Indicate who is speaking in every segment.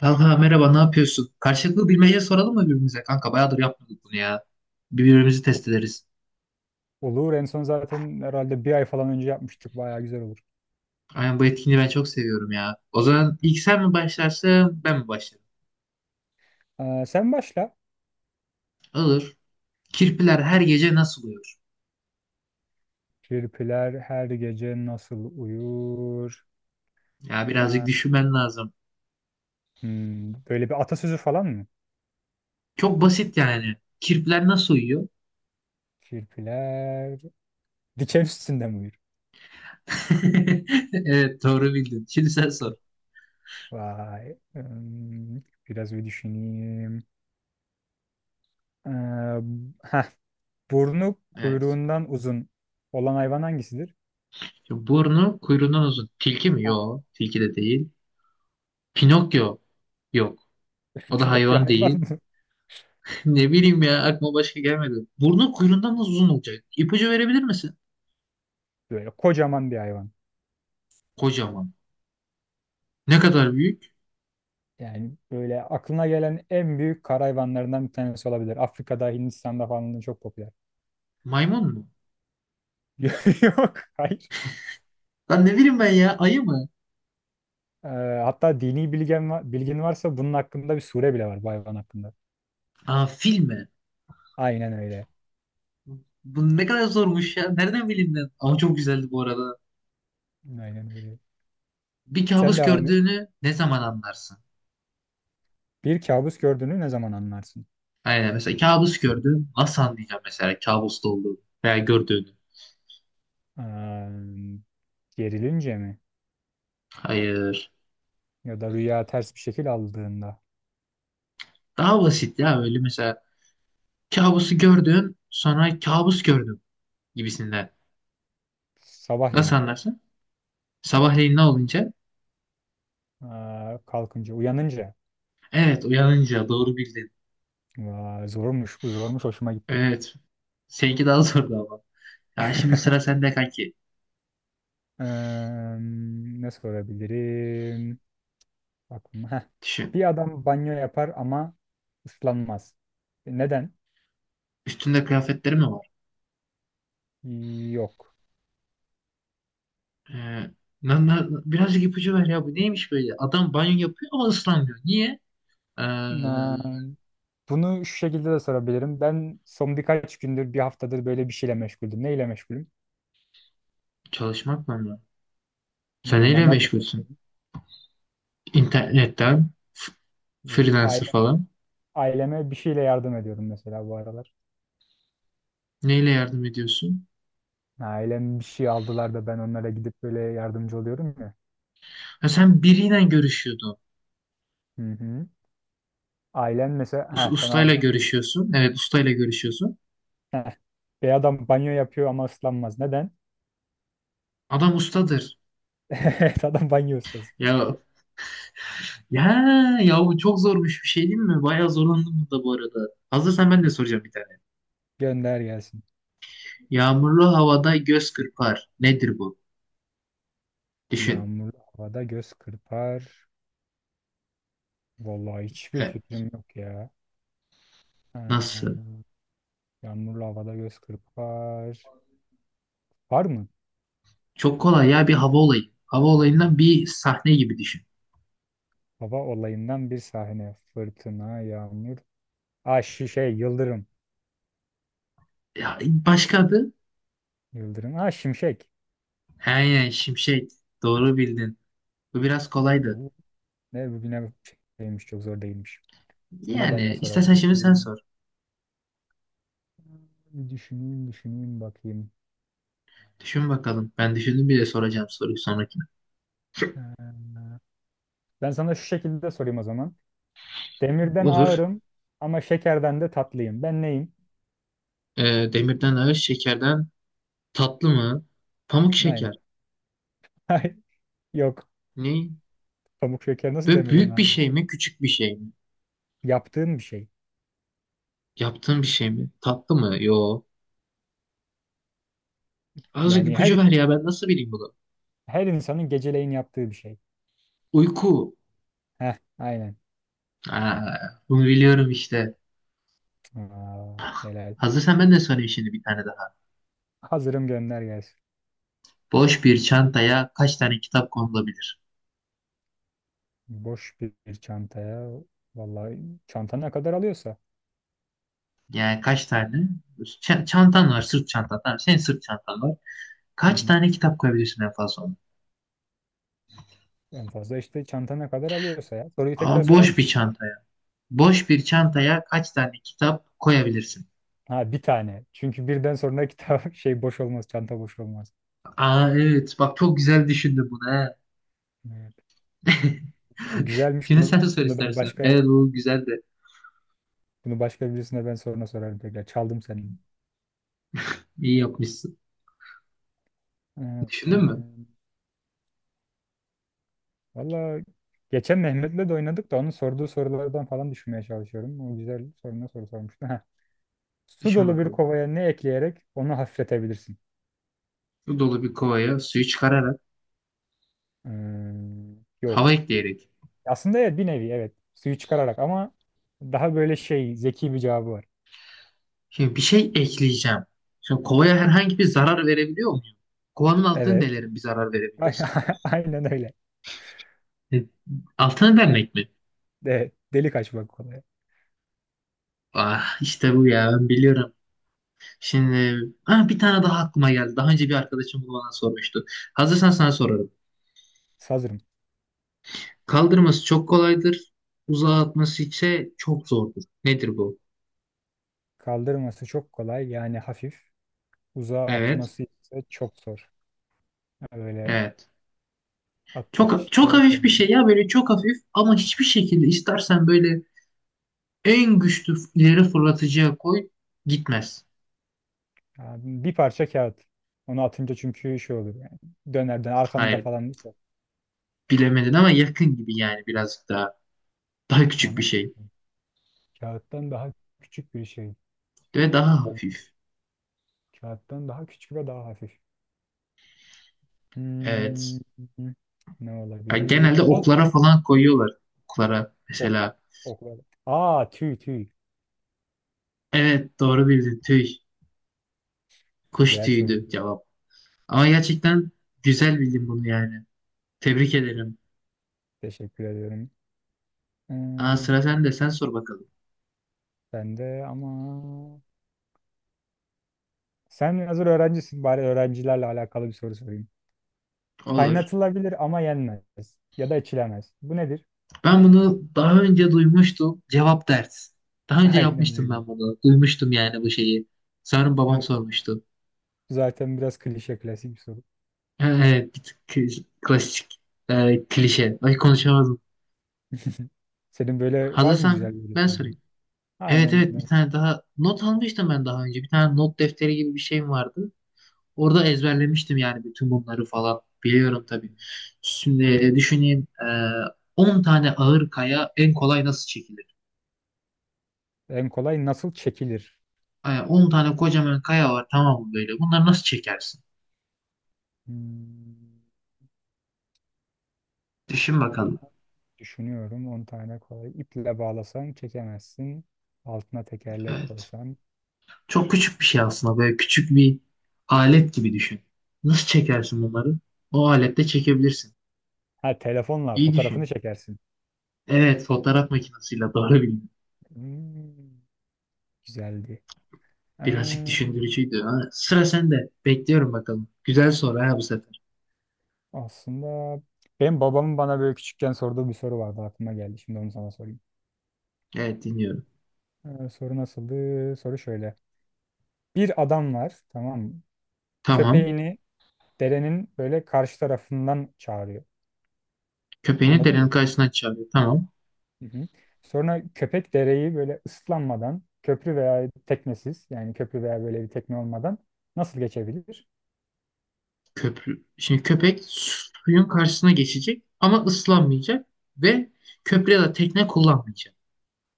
Speaker 1: Kanka merhaba, ne yapıyorsun? Karşılıklı bilmece soralım mı birbirimize? Kanka bayağıdır yapmadık bunu ya. Birbirimizi test ederiz.
Speaker 2: Olur. En son zaten herhalde bir ay falan önce yapmıştık. Bayağı güzel olur.
Speaker 1: Aynen, bu etkinliği ben çok seviyorum ya. O zaman ilk sen mi başlarsın ben mi başlarım?
Speaker 2: Sen başla.
Speaker 1: Olur. Kirpiler her gece nasıl uyur?
Speaker 2: Kirpiler her gece nasıl uyur?
Speaker 1: Ya birazcık
Speaker 2: Ee,
Speaker 1: düşünmen lazım.
Speaker 2: Böyle bir atasözü falan mı?
Speaker 1: Çok basit yani. Kirpiler nasıl uyuyor?
Speaker 2: Kirpiler diken üstünde mi uyur?
Speaker 1: Evet, doğru bildin. Şimdi sen sor.
Speaker 2: Vay. Biraz bir düşüneyim. Ee, heh, Burnu
Speaker 1: Evet.
Speaker 2: kuyruğundan uzun olan hayvan hangisidir?
Speaker 1: Şimdi burnu kuyruğundan uzun. Tilki mi? Yok. Tilki de değil. Pinokyo. Yok. O da
Speaker 2: Pinokyo
Speaker 1: hayvan
Speaker 2: hayvan
Speaker 1: değil.
Speaker 2: mı?
Speaker 1: Ne bileyim ya, aklıma başka gelmedi. Burnu kuyruğundan nasıl uzun olacak? İpucu verebilir misin?
Speaker 2: Böyle kocaman bir hayvan.
Speaker 1: Kocaman. Ne kadar büyük?
Speaker 2: Yani böyle aklına gelen en büyük kara hayvanlarından bir tanesi olabilir. Afrika'da, Hindistan'da falan da çok popüler.
Speaker 1: Maymun mu?
Speaker 2: Yok, hayır.
Speaker 1: Lan ne bileyim ben ya, ayı mı?
Speaker 2: Ee, Hatta dini bilgin varsa bunun hakkında bir sure bile var bu hayvan hakkında.
Speaker 1: Aa, fil mi?
Speaker 2: Aynen öyle.
Speaker 1: Bu ne kadar zormuş ya. Nereden bileyim ben? Ama çok güzeldi bu arada.
Speaker 2: Aynen öyle.
Speaker 1: Bir
Speaker 2: Sen
Speaker 1: kabus
Speaker 2: devam et.
Speaker 1: gördüğünü ne zaman anlarsın?
Speaker 2: Bir kabus gördüğünü ne zaman anlarsın?
Speaker 1: Aynen, mesela kabus gördün. Nasıl anlayacağım mesela kabusta olduğunu veya gördüğünü?
Speaker 2: Ee, Gerilince mi?
Speaker 1: Hayır.
Speaker 2: Ya da rüya ters bir şekil aldığında.
Speaker 1: Daha basit ya, öyle mesela kabusu gördün sonra kabus gördüm gibisinden. Nasıl
Speaker 2: Sabahleyin.
Speaker 1: anlarsın? Sabahleyin ne olunca?
Speaker 2: Kalkınca, uyanınca.
Speaker 1: Evet, uyanınca doğru bildin.
Speaker 2: Vay, zormuş, bu zormuş, hoşuma gitti.
Speaker 1: Evet. Seninki daha zordu ama. Ya şimdi sıra sende kanki.
Speaker 2: Ne sorabilirim? Aklıma.
Speaker 1: Düşün.
Speaker 2: Bir adam banyo yapar ama ıslanmaz. Neden?
Speaker 1: Üstünde kıyafetleri mi var?
Speaker 2: Yok.
Speaker 1: Ee, birazcık ipucu ver ya. Bu neymiş böyle? Adam banyo yapıyor ama ıslanmıyor. Niye? Ee,
Speaker 2: Na- Bunu şu şekilde de sorabilirim. Ben son birkaç gündür, bir haftadır böyle bir şeyle meşguldüm. Neyle meşgulüm?
Speaker 1: çalışmak mı? Onlar? Sen
Speaker 2: Bilmiyorum ama
Speaker 1: neyle
Speaker 2: nerede
Speaker 1: meşgulsün?
Speaker 2: çalışıyorum?
Speaker 1: İnternetten,
Speaker 2: Yok.
Speaker 1: freelancer falan.
Speaker 2: Aileme bir şeyle yardım ediyorum mesela bu aralar.
Speaker 1: Neyle yardım ediyorsun?
Speaker 2: Ailem bir şey aldılar da ben onlara gidip böyle yardımcı oluyorum ya.
Speaker 1: Ha, sen biriyle görüşüyordun.
Speaker 2: Hı hı. Ailen mesela, ha sana
Speaker 1: Ustayla
Speaker 2: ablan,
Speaker 1: görüşüyorsun. Evet, ustayla görüşüyorsun.
Speaker 2: Heh. Bir adam banyo yapıyor ama ıslanmaz. Neden?
Speaker 1: Adam ustadır.
Speaker 2: Evet, adam banyo ustası.
Speaker 1: Ya, ya, bu çok zormuş bir şey değil mi? Bayağı zorlandım bunda bu arada. Hazırsan ben de soracağım bir tane.
Speaker 2: Gönder gelsin.
Speaker 1: Yağmurlu havada göz kırpar. Nedir bu? Düşün.
Speaker 2: Yağmurlu havada göz kırpar. Vallahi hiçbir
Speaker 1: E,
Speaker 2: fikrim yok ya.
Speaker 1: nasıl?
Speaker 2: Ha, yağmurlu havada göz kırpar. Var mı?
Speaker 1: Çok kolay ya, bir hava olayı. Hava olayından bir sahne gibi düşün.
Speaker 2: Hava olayından bir sahne. Fırtına, yağmur. Ah, yıldırım.
Speaker 1: Ya, başka adı?
Speaker 2: Yıldırım. Ah, şimşek.
Speaker 1: He, şimşek. Doğru bildin. Bu biraz kolaydı.
Speaker 2: Bu ne, bugüne şeymiş, çok zor değilmiş. Sana ben de
Speaker 1: Yani istersen şimdi sen
Speaker 2: sorabilirim.
Speaker 1: sor.
Speaker 2: Bir düşüneyim düşüneyim bakayım.
Speaker 1: Düşün bakalım. Ben düşündüm bile, soracağım soruyu sonraki.
Speaker 2: Ha. Ben sana şu şekilde sorayım o zaman. Demirden
Speaker 1: Olur.
Speaker 2: ağırım ama şekerden de tatlıyım. Ben neyim?
Speaker 1: E, demirden ağır, şekerden tatlı mı? Pamuk şeker.
Speaker 2: Aynen. Ay, yok.
Speaker 1: Ne?
Speaker 2: Pamuk şeker nasıl
Speaker 1: Böyle
Speaker 2: demirden
Speaker 1: büyük
Speaker 2: ağır
Speaker 1: bir
Speaker 2: olur?
Speaker 1: şey mi, küçük bir şey mi?
Speaker 2: Yaptığın bir şey.
Speaker 1: Yaptığın bir şey mi? Tatlı mı? Yo. Azıcık
Speaker 2: Yani her
Speaker 1: ipucu ver ya, ben nasıl bileyim bunu?
Speaker 2: her insanın geceleyin yaptığı bir şey.
Speaker 1: Uyku.
Speaker 2: Heh, aynen.
Speaker 1: Aa, bunu biliyorum işte.
Speaker 2: Aa, helal.
Speaker 1: Hazırsan ben de sorayım şimdi bir tane daha.
Speaker 2: Hazırım, gönder gelsin.
Speaker 1: Boş bir çantaya kaç tane kitap konulabilir?
Speaker 2: Boş bir çantaya, vallahi, çanta ne kadar alıyorsa.
Speaker 1: Yani kaç tane? Çantan var, sırt çantan. Tamam, senin sırt çantan var.
Speaker 2: Hı
Speaker 1: Kaç
Speaker 2: hı.
Speaker 1: tane kitap koyabilirsin en fazla ona?
Speaker 2: En fazla işte çanta ne kadar alıyorsa ya. Soruyu tekrar
Speaker 1: Ama
Speaker 2: sorar
Speaker 1: boş
Speaker 2: mısın?
Speaker 1: bir çantaya. Boş bir çantaya kaç tane kitap koyabilirsin?
Speaker 2: Ha, bir tane. Çünkü birden sonra kitap şey boş olmaz, çanta boş olmaz.
Speaker 1: Aa evet, bak çok güzel düşündün bunu he.
Speaker 2: Evet. Bu güzelmiş.
Speaker 1: Şimdi sen
Speaker 2: Bunu
Speaker 1: sor
Speaker 2: bunu ben
Speaker 1: istersen.
Speaker 2: başka
Speaker 1: Evet bu güzel de
Speaker 2: bunu başka birisine ben sonra sorarım tekrar. Çaldım senin.
Speaker 1: iyi yapmışsın.
Speaker 2: Ee, e,
Speaker 1: Düşündün mü?
Speaker 2: Valla geçen Mehmet'le de oynadık da onun sorduğu sorulardan falan düşünmeye çalışıyorum. O güzel soruna soru sormuştu. Su
Speaker 1: Düşün
Speaker 2: dolu bir
Speaker 1: bakalım.
Speaker 2: kovaya ne ekleyerek onu hafifletebilirsin?
Speaker 1: Su dolu bir kovaya suyu çıkararak,
Speaker 2: Ee,
Speaker 1: hava
Speaker 2: Yok.
Speaker 1: ekleyerek.
Speaker 2: Aslında evet, bir nevi evet. Suyu çıkararak, ama daha böyle şey zeki bir cevabı var.
Speaker 1: Şimdi bir şey ekleyeceğim. Şimdi kovaya herhangi bir zarar verebiliyor muyum? Kovanın altını
Speaker 2: Evet.
Speaker 1: delerim bir zarar verebiliyorsam.
Speaker 2: Aynen öyle.
Speaker 1: E, altını delmek mi?
Speaker 2: Delik açmak kolay.
Speaker 1: Ah işte bu ya, ben biliyorum. Şimdi ah, bir tane daha aklıma geldi. Daha önce bir arkadaşım bunu bana sormuştu. Hazırsan sana sorarım.
Speaker 2: Sazırım.
Speaker 1: Kaldırması çok kolaydır. Uzağa atması ise çok zordur. Nedir bu?
Speaker 2: Kaldırması çok kolay, yani hafif. Uzağa
Speaker 1: Evet.
Speaker 2: atması ise çok zor. Öyle
Speaker 1: Evet. Çok çok
Speaker 2: attıkça şey
Speaker 1: hafif bir şey
Speaker 2: olacak.
Speaker 1: ya, böyle çok hafif ama hiçbir şekilde istersen böyle en güçlü ileri fırlatıcıya koy, gitmez.
Speaker 2: Yani bir parça kağıt. Onu atınca çünkü şey olur yani. Döner döner arkanda
Speaker 1: Hayır,
Speaker 2: falan.
Speaker 1: bilemedin ama yakın gibi, yani birazcık daha, daha küçük bir
Speaker 2: Ona
Speaker 1: şey
Speaker 2: kağıttan daha küçük bir şey.
Speaker 1: ve daha
Speaker 2: Hmm,
Speaker 1: hafif.
Speaker 2: Kağıttan daha küçük ve daha hafif. Hmm,
Speaker 1: Evet.
Speaker 2: Ne
Speaker 1: Ya
Speaker 2: olabilir?
Speaker 1: genelde
Speaker 2: Toz.
Speaker 1: oklara falan koyuyorlar. Oklara
Speaker 2: Ok.
Speaker 1: mesela.
Speaker 2: Ok. Aa, tüy tüy.
Speaker 1: Evet, doğru bildin, tüy. Kuş
Speaker 2: Güzel
Speaker 1: tüyüydü
Speaker 2: soruydu.
Speaker 1: cevap. Ama gerçekten güzel bildin bunu yani. Tebrik ederim.
Speaker 2: Teşekkür ediyorum.
Speaker 1: Aa sıra
Speaker 2: Hmm,
Speaker 1: sende, sen sor bakalım.
Speaker 2: Ben de, ama sen hazır öğrencisin, bari öğrencilerle alakalı bir soru sorayım.
Speaker 1: Olur.
Speaker 2: Kaynatılabilir ama yenmez. Ya da içilemez. Bu nedir?
Speaker 1: Ben bunu daha önce duymuştum. Cevap ders. Daha önce
Speaker 2: Aynen
Speaker 1: yapmıştım
Speaker 2: öyle.
Speaker 1: ben bunu. Duymuştum yani bu şeyi. Sanırım babam
Speaker 2: Bu
Speaker 1: sormuştu.
Speaker 2: zaten biraz klişe, klasik bir soru.
Speaker 1: Evet, bir tık klasik, klişe. Ay konuşamadım.
Speaker 2: Senin böyle var mı güzel
Speaker 1: Hazırsan
Speaker 2: böyle
Speaker 1: ben
Speaker 2: sorun?
Speaker 1: sorayım. Evet
Speaker 2: Aynen
Speaker 1: evet, bir
Speaker 2: öyle.
Speaker 1: tane daha not almıştım ben daha önce. Bir tane not defteri gibi bir şeyim vardı. Orada ezberlemiştim yani bütün bunları falan. Biliyorum tabii. Şimdi düşüneyim. 10 tane ağır kaya en kolay nasıl çekilir?
Speaker 2: En kolay nasıl çekilir?
Speaker 1: 10 tane kocaman kaya var tamam mı böyle? Bunları nasıl çekersin?
Speaker 2: Hmm,
Speaker 1: Düşün bakalım.
Speaker 2: Düşünüyorum. 10 tane kolay. İple bağlasan çekemezsin. Altına tekerlek
Speaker 1: Evet.
Speaker 2: koysan.
Speaker 1: Çok küçük bir şey aslında. Böyle küçük bir alet gibi düşün. Nasıl çekersin bunları? O alette çekebilirsin.
Speaker 2: Ha, telefonla
Speaker 1: İyi
Speaker 2: fotoğrafını
Speaker 1: düşün.
Speaker 2: çekersin.
Speaker 1: Evet, fotoğraf makinesiyle doğru bildin.
Speaker 2: Hmm, Güzeldi.
Speaker 1: Birazcık
Speaker 2: Ee,
Speaker 1: düşündürücüydü. Ha, sıra sende. Bekliyorum bakalım. Güzel soru ha bu sefer.
Speaker 2: Aslında benim babamın bana böyle küçükken sorduğu bir soru vardı, aklıma geldi. Şimdi onu sana sorayım.
Speaker 1: Evet, dinliyorum.
Speaker 2: Soru nasıldı? Soru şöyle. Bir adam var, tamam mı?
Speaker 1: Tamam.
Speaker 2: Köpeğini derenin böyle karşı tarafından çağırıyor.
Speaker 1: Köpeğini
Speaker 2: Anladın
Speaker 1: derenin
Speaker 2: mı?
Speaker 1: karşısına çağırıyor. Tamam.
Speaker 2: Hı hı. Sonra köpek dereyi böyle ıslanmadan, köprü veya teknesiz, yani köprü veya böyle bir tekne olmadan nasıl geçebilir?
Speaker 1: Köprü. Şimdi köpek suyun karşısına geçecek ama ıslanmayacak ve köprü ya da tekne kullanmayacak.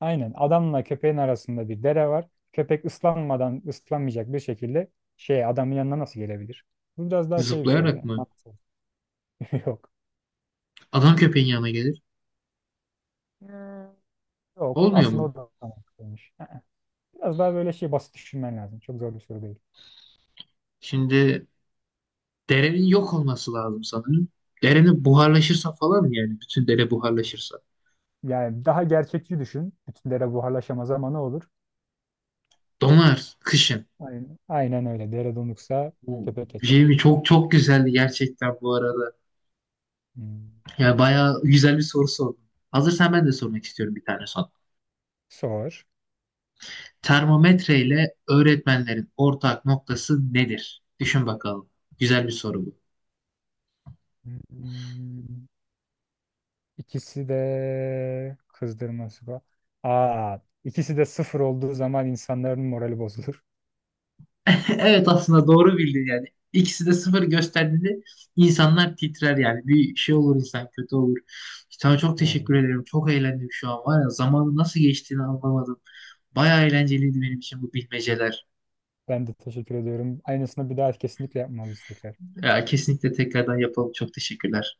Speaker 2: Aynen. Adamla köpeğin arasında bir dere var. Köpek ıslanmadan, ıslanmayacak bir şekilde şey adamın yanına nasıl gelebilir? Bu biraz daha şey bir soru,
Speaker 1: Zıplayarak
Speaker 2: yani.
Speaker 1: mı?
Speaker 2: Mantıksal. Yok.
Speaker 1: Adam köpeğin yanına gelir.
Speaker 2: Hmm. Yok.
Speaker 1: Olmuyor
Speaker 2: Aslında
Speaker 1: mu?
Speaker 2: o da mantıklıymış. Biraz daha böyle şey basit düşünmen lazım. Çok zor bir soru değil.
Speaker 1: Şimdi derenin yok olması lazım sanırım. Derenin buharlaşırsa falan, yani bütün dere buharlaşırsa.
Speaker 2: Yani daha gerçekçi düşün. Bütün dere buharlaşamaz ama ne olur?
Speaker 1: Donar kışın.
Speaker 2: Aynen, aynen öyle. Dere donuksa
Speaker 1: Bu
Speaker 2: köpek
Speaker 1: şey
Speaker 2: geçer.
Speaker 1: mi? Çok çok güzeldi gerçekten bu arada.
Speaker 2: Hmm.
Speaker 1: Yani bayağı güzel bir soru sordun. Hazırsan ben de sormak istiyorum bir tane sana.
Speaker 2: Sor.
Speaker 1: Termometre ile öğretmenlerin ortak noktası nedir? Düşün bakalım. Güzel bir soru bu.
Speaker 2: Hmm. İkisi de kızdırması var. Aa, ikisi de sıfır olduğu zaman insanların morali bozulur.
Speaker 1: Evet, aslında doğru bildin yani. İkisi de sıfır gösterdiğinde insanlar titrer yani. Bir şey olur, insan kötü olur. Sana çok
Speaker 2: Oo.
Speaker 1: teşekkür ederim. Çok eğlendim şu an var ya. Zamanın nasıl geçtiğini anlamadım. Bayağı eğlenceliydi benim için bu bilmeceler.
Speaker 2: Ben de teşekkür ediyorum. Aynısını bir daha kesinlikle yapmalıyız tekrar.
Speaker 1: Ya, kesinlikle tekrardan yapalım. Çok teşekkürler.